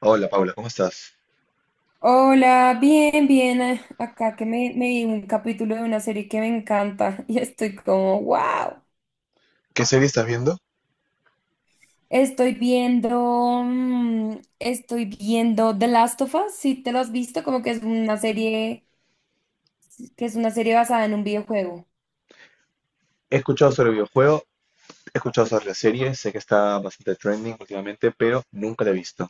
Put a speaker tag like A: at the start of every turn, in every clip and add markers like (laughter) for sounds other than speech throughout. A: Hola Paula, ¿cómo estás?
B: Hola, bien, bien. Acá que me vi un capítulo de una serie que me encanta (laughs) y estoy como, wow.
A: ¿Qué serie estás viendo?
B: Estoy viendo, estoy viendo The Last of Us, si te lo has visto, como que es una serie, que es una serie basada en un videojuego.
A: He escuchado sobre el videojuego, he escuchado sobre la serie, sé que está bastante trending últimamente, pero nunca la he visto.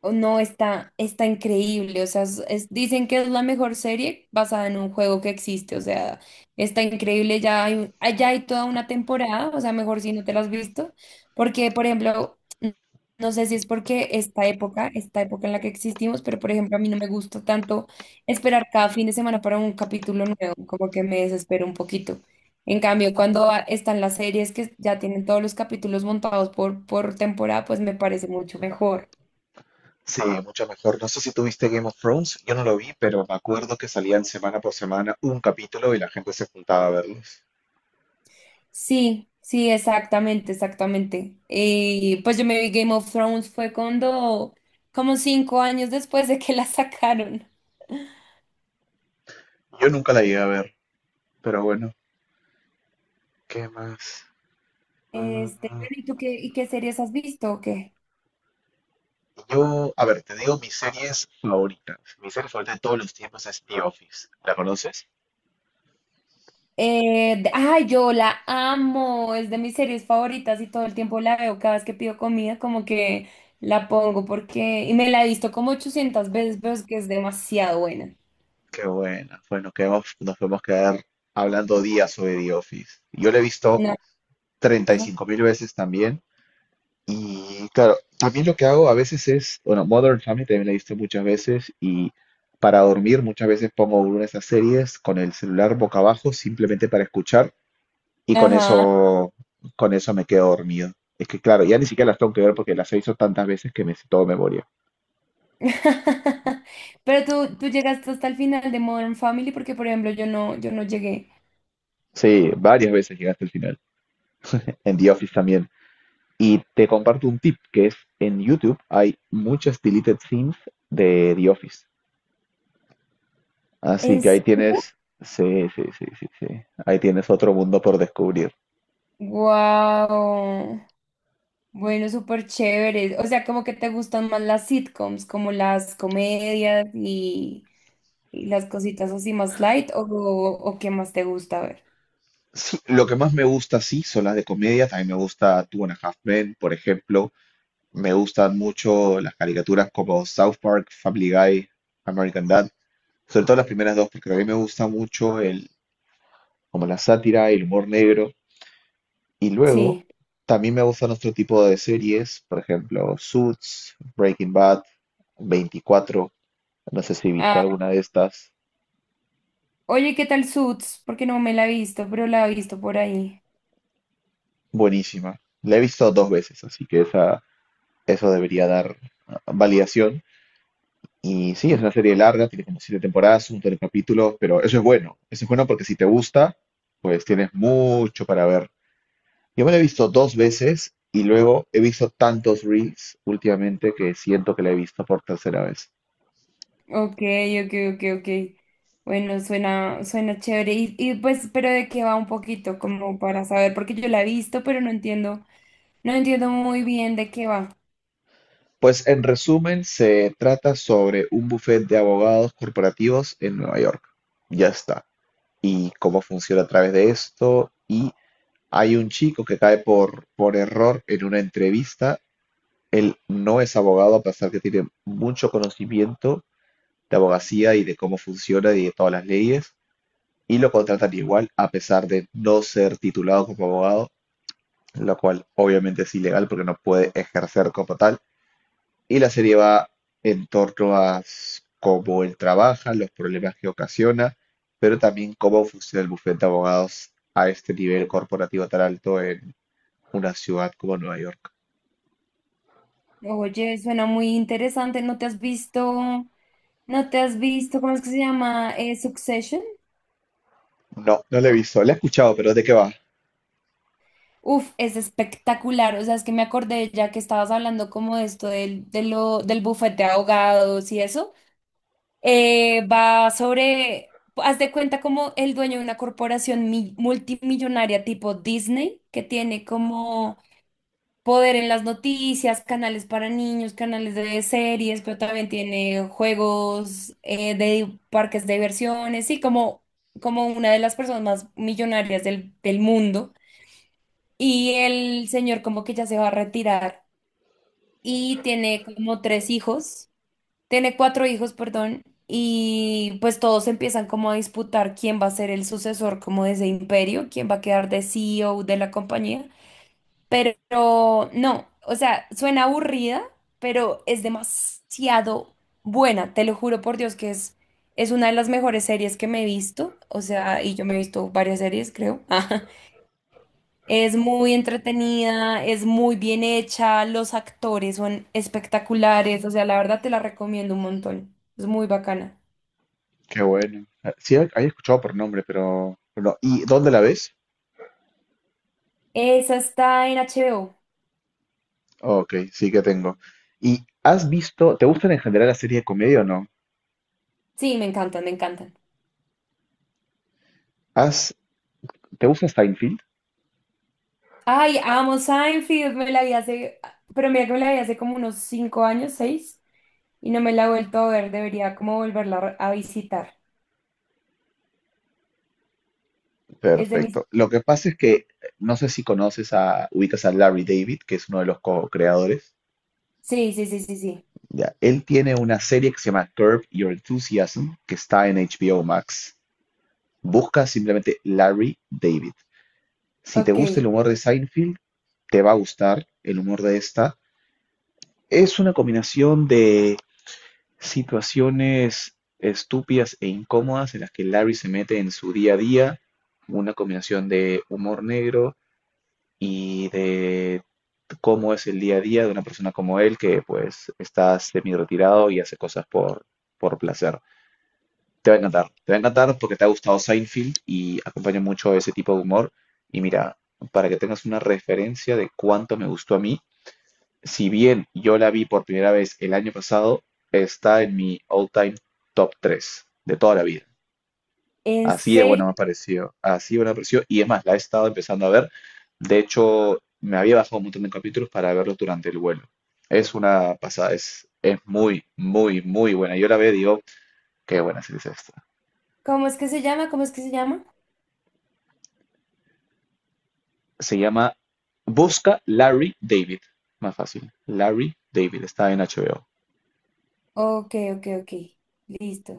B: Oh, no, está increíble. O sea, dicen que es la mejor serie basada en un juego que existe. O sea, está increíble. Ya hay, ya hay toda una temporada. O sea, mejor si no te la has visto. Porque, por ejemplo, no sé si es porque esta época en la que existimos, pero por ejemplo, a mí no me gusta tanto esperar cada fin de semana para un capítulo nuevo. Como que me desespero un poquito. En cambio, cuando están las series que ya tienen todos los capítulos montados por temporada, pues me parece mucho mejor.
A: Sí, mucho mejor. No sé si tuviste Game of Thrones, yo no lo vi, pero me acuerdo que salían semana por semana un capítulo y la gente se juntaba a verlos.
B: Sí, sí, exactamente, exactamente. Y pues yo me vi Game of Thrones fue cuando, como 5 años después de que la sacaron.
A: Yo nunca la llegué a ver, pero bueno, ¿qué más? Mm,
B: Este, bueno, ¿y tú qué, y qué series has visto o qué?
A: yo, a ver, te digo mis series favoritas. Mi serie favorita de todos los tiempos es The Office. ¿La conoces?
B: Yo la amo, es de mis series favoritas y todo el tiempo la veo, cada vez que pido comida como que la pongo porque, y me la he visto como 800 veces, pero es que es demasiado buena.
A: Qué bueno. Bueno, nos podemos quedar hablando días sobre The Office. Yo lo he visto
B: No,
A: 35
B: ajá,
A: mil veces también. Y claro, también lo que hago a veces es, bueno, Modern Family también la he visto muchas veces y para dormir muchas veces pongo una de esas series con el celular boca abajo simplemente para escuchar y con
B: ajá.
A: eso, con eso me quedo dormido. Es que claro, ya ni siquiera las tengo que ver porque las he visto tantas veces que me sé todo de memoria.
B: (laughs) Pero tú llegaste hasta el final de Modern Family porque, por ejemplo, yo no, yo no llegué.
A: Sí, varias veces llegaste al final. En The Office también. Y te comparto un tip, que es en YouTube hay muchas deleted scenes de The Office. Así
B: ¿En
A: que ahí
B: serio?
A: tienes, sí, sí, sí, sí, sí. Ahí tienes otro mundo por descubrir.
B: Wow. Bueno, súper chévere. O sea, como que te gustan más las sitcoms, como las comedias y las cositas así más light, o qué más te gusta ver.
A: Sí, lo que más me gusta, sí, son las de comedia. También me gusta Two and a Half Men, por ejemplo. Me gustan mucho las caricaturas como South Park, Family Guy, American Dad. Sobre todo las primeras dos, porque a mí me gusta mucho el, como la sátira, el humor negro. Y luego,
B: Sí.
A: también me gustan otro tipo de series, por ejemplo, Suits, Breaking Bad, 24. No sé si viste
B: Ah,
A: alguna de estas.
B: oye, ¿qué tal Suits? Porque no me la he visto, pero la he visto por ahí.
A: Buenísima. La he visto dos veces, así que esa, eso debería dar validación. Y sí, es una serie larga, tiene como siete temporadas, un montón de capítulos, pero eso es bueno. Eso es bueno porque si te gusta, pues tienes mucho para ver. Yo me la he visto dos veces y luego he visto tantos reels últimamente que siento que la he visto por tercera vez.
B: Ok, ok, ok, ok. Bueno, suena, suena chévere. Y pues, pero de qué va un poquito, como para saber, porque yo la he visto, pero no entiendo, no entiendo muy bien de qué va.
A: Pues en resumen, se trata sobre un bufete de abogados corporativos en Nueva York. Ya está. Y cómo funciona a través de esto. Y hay un chico que cae por error en una entrevista. Él no es abogado, a pesar que tiene mucho conocimiento de abogacía y de cómo funciona y de todas las leyes. Y lo contratan igual, a pesar de no ser titulado como abogado, lo cual obviamente es ilegal porque no puede ejercer como tal. Y la serie va en torno a cómo él trabaja, los problemas que ocasiona, pero también cómo funciona el bufete de abogados a este nivel corporativo tan alto en una ciudad como Nueva York.
B: Oye, suena muy interesante. ¿No te has visto, no te has visto, cómo es que se llama? Succession.
A: No, no la he visto. La he escuchado, pero ¿de qué va?
B: Uf, es espectacular. O sea, es que me acordé ya que estabas hablando como de esto del, de lo, del bufete de abogados y eso. Va sobre, haz de cuenta como el dueño de una corporación multimillonaria tipo Disney, que tiene como poder en las noticias, canales para niños, canales de series, pero también tiene juegos de parques de diversiones y como, como una de las personas más millonarias del, del mundo. Y el señor como que ya se va a retirar y tiene como tres hijos. Tiene cuatro hijos, perdón, y pues todos empiezan como a disputar quién va a ser el sucesor como de ese imperio, quién va a quedar de CEO de la compañía. Pero no, o sea, suena aburrida, pero es demasiado buena, te lo juro por Dios que es una de las mejores series que me he visto, o sea, y yo me he visto varias series, creo. (laughs) Es muy entretenida, es muy bien hecha, los actores son espectaculares, o sea, la verdad te la recomiendo un montón. Es muy bacana.
A: Qué bueno. Ah, sí, había escuchado por nombre, pero no. ¿Y dónde la ves?
B: Esa está en HBO.
A: Ok, sí que tengo. ¿Y has visto, te gustan en general las series de comedia o no?
B: Sí, me encantan, me encantan.
A: ¿Has, te gusta Seinfeld?
B: Ay, amo Seinfeld, me la vi hace, pero mira que me la vi hace como unos 5 años, seis, y no me la he vuelto a ver, debería como volverla a visitar. Es de mis...
A: Perfecto. Lo que pasa es que no sé si conoces a, ubicas a Larry David, que es uno de los co-creadores.
B: Sí, sí, sí, sí, sí.
A: Ya, él tiene una serie que se llama Curb Your Enthusiasm, que está en HBO Max. Busca simplemente Larry David. Si te gusta el
B: Ok.
A: humor de Seinfeld, te va a gustar el humor de esta. Es una combinación de situaciones estúpidas e incómodas en las que Larry se mete en su día a día, una combinación de humor negro y de cómo es el día a día de una persona como él que pues está semi retirado y hace cosas por placer. Te va a encantar, te va a encantar porque te ha gustado Seinfeld y acompaña mucho ese tipo de humor. Y mira, para que tengas una referencia de cuánto me gustó a mí, si bien yo la vi por primera vez el año pasado, está en mi all-time top 3 de toda la vida.
B: ¿En
A: Así de buena me ha
B: serio?
A: parecido, así de buena me pareció. Y es más, la he estado empezando a ver. De hecho, me había bajado un montón de capítulos para verlos durante el vuelo. Es una pasada, es muy, muy, muy buena. Yo la veo y digo, qué buena serie es esta.
B: ¿Cómo es que se llama? ¿Cómo es que se llama?
A: Se llama Busca Larry David. Más fácil. Larry David, está en HBO.
B: Ok, ok, ok. Listo.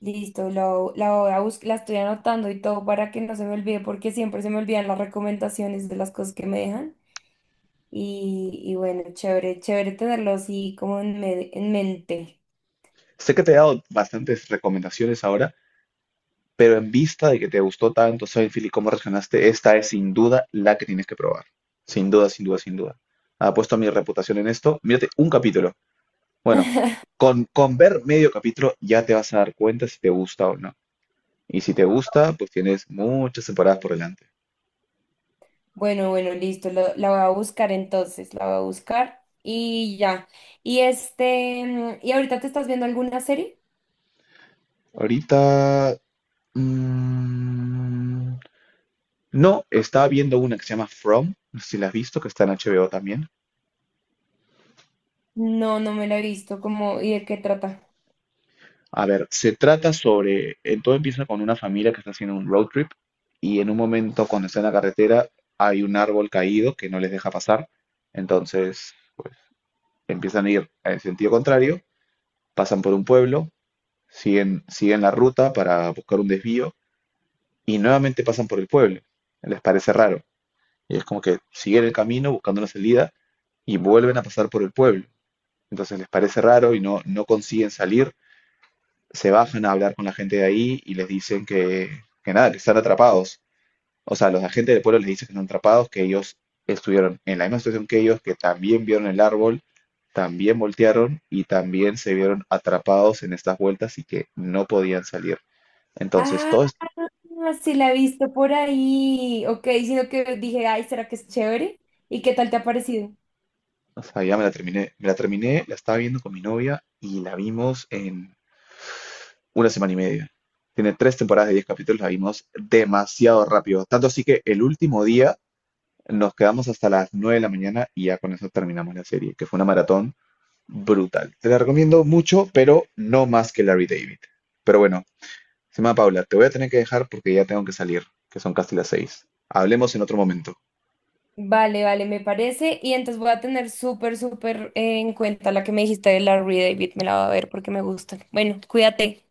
B: Listo, la voy a la estoy anotando y todo para que no se me olvide, porque siempre se me olvidan las recomendaciones de las cosas que me dejan. Y bueno, chévere, chévere tenerlo así como en, en mente.
A: Sé que te he dado bastantes recomendaciones ahora, vista de que te gustó tanto Seinfeld y cómo reaccionaste, esta es sin duda la que tienes que probar. Sin duda, sin duda, sin duda. Apuesto a mi reputación en esto. Mírate un capítulo. Bueno,
B: (laughs)
A: con ver medio capítulo ya te vas a dar cuenta si te gusta o no. Y si te gusta, pues tienes muchas temporadas por delante.
B: Bueno, bueno, listo, la voy a buscar entonces, la voy a buscar y ya. Y este, ¿y ahorita te estás viendo alguna serie?
A: Ahorita... mm, no, estaba viendo una que se llama From, no sé si la has visto, que está en HBO también.
B: No, no me la he visto, como, ¿y de qué trata?
A: A ver, se trata sobre, todo empieza con una familia que está haciendo un road trip y en un momento cuando está en la carretera hay un árbol caído que no les deja pasar, entonces pues empiezan a ir en sentido contrario, pasan por un pueblo, siguen la ruta para buscar un desvío y nuevamente pasan por el pueblo. Les parece raro y es como que siguen el camino buscando una salida y vuelven a pasar por el pueblo. Entonces les parece raro y no, no consiguen salir. Se bajan a hablar con la gente de ahí y les dicen que nada, que están atrapados. O sea, los agentes del pueblo les dicen que están atrapados, que ellos estuvieron en la misma situación que ellos, que también vieron el árbol, también voltearon y también se vieron atrapados en estas vueltas y que no podían salir. Entonces,
B: Ah,
A: todo
B: sí la he visto por ahí. Ok, sino que dije, ay, ¿será que es chévere? ¿Y qué tal te ha parecido?
A: o sea, ya me la terminé, la estaba viendo con mi novia y la vimos en una semana y media. Tiene tres temporadas de 10 capítulos, la vimos demasiado rápido. Tanto así que el último día nos quedamos hasta las 9 de la mañana y ya con eso terminamos la serie, que fue una maratón brutal. Te la recomiendo mucho, pero no más que Larry David. Pero bueno, Sima Paula, te voy a tener que dejar porque ya tengo que salir, que son casi las 6. Hablemos en otro momento.
B: Vale, vale, me parece. Y entonces voy a tener súper, súper en cuenta la que me dijiste de Larry David. Me la voy a ver porque me gusta. Bueno, cuídate.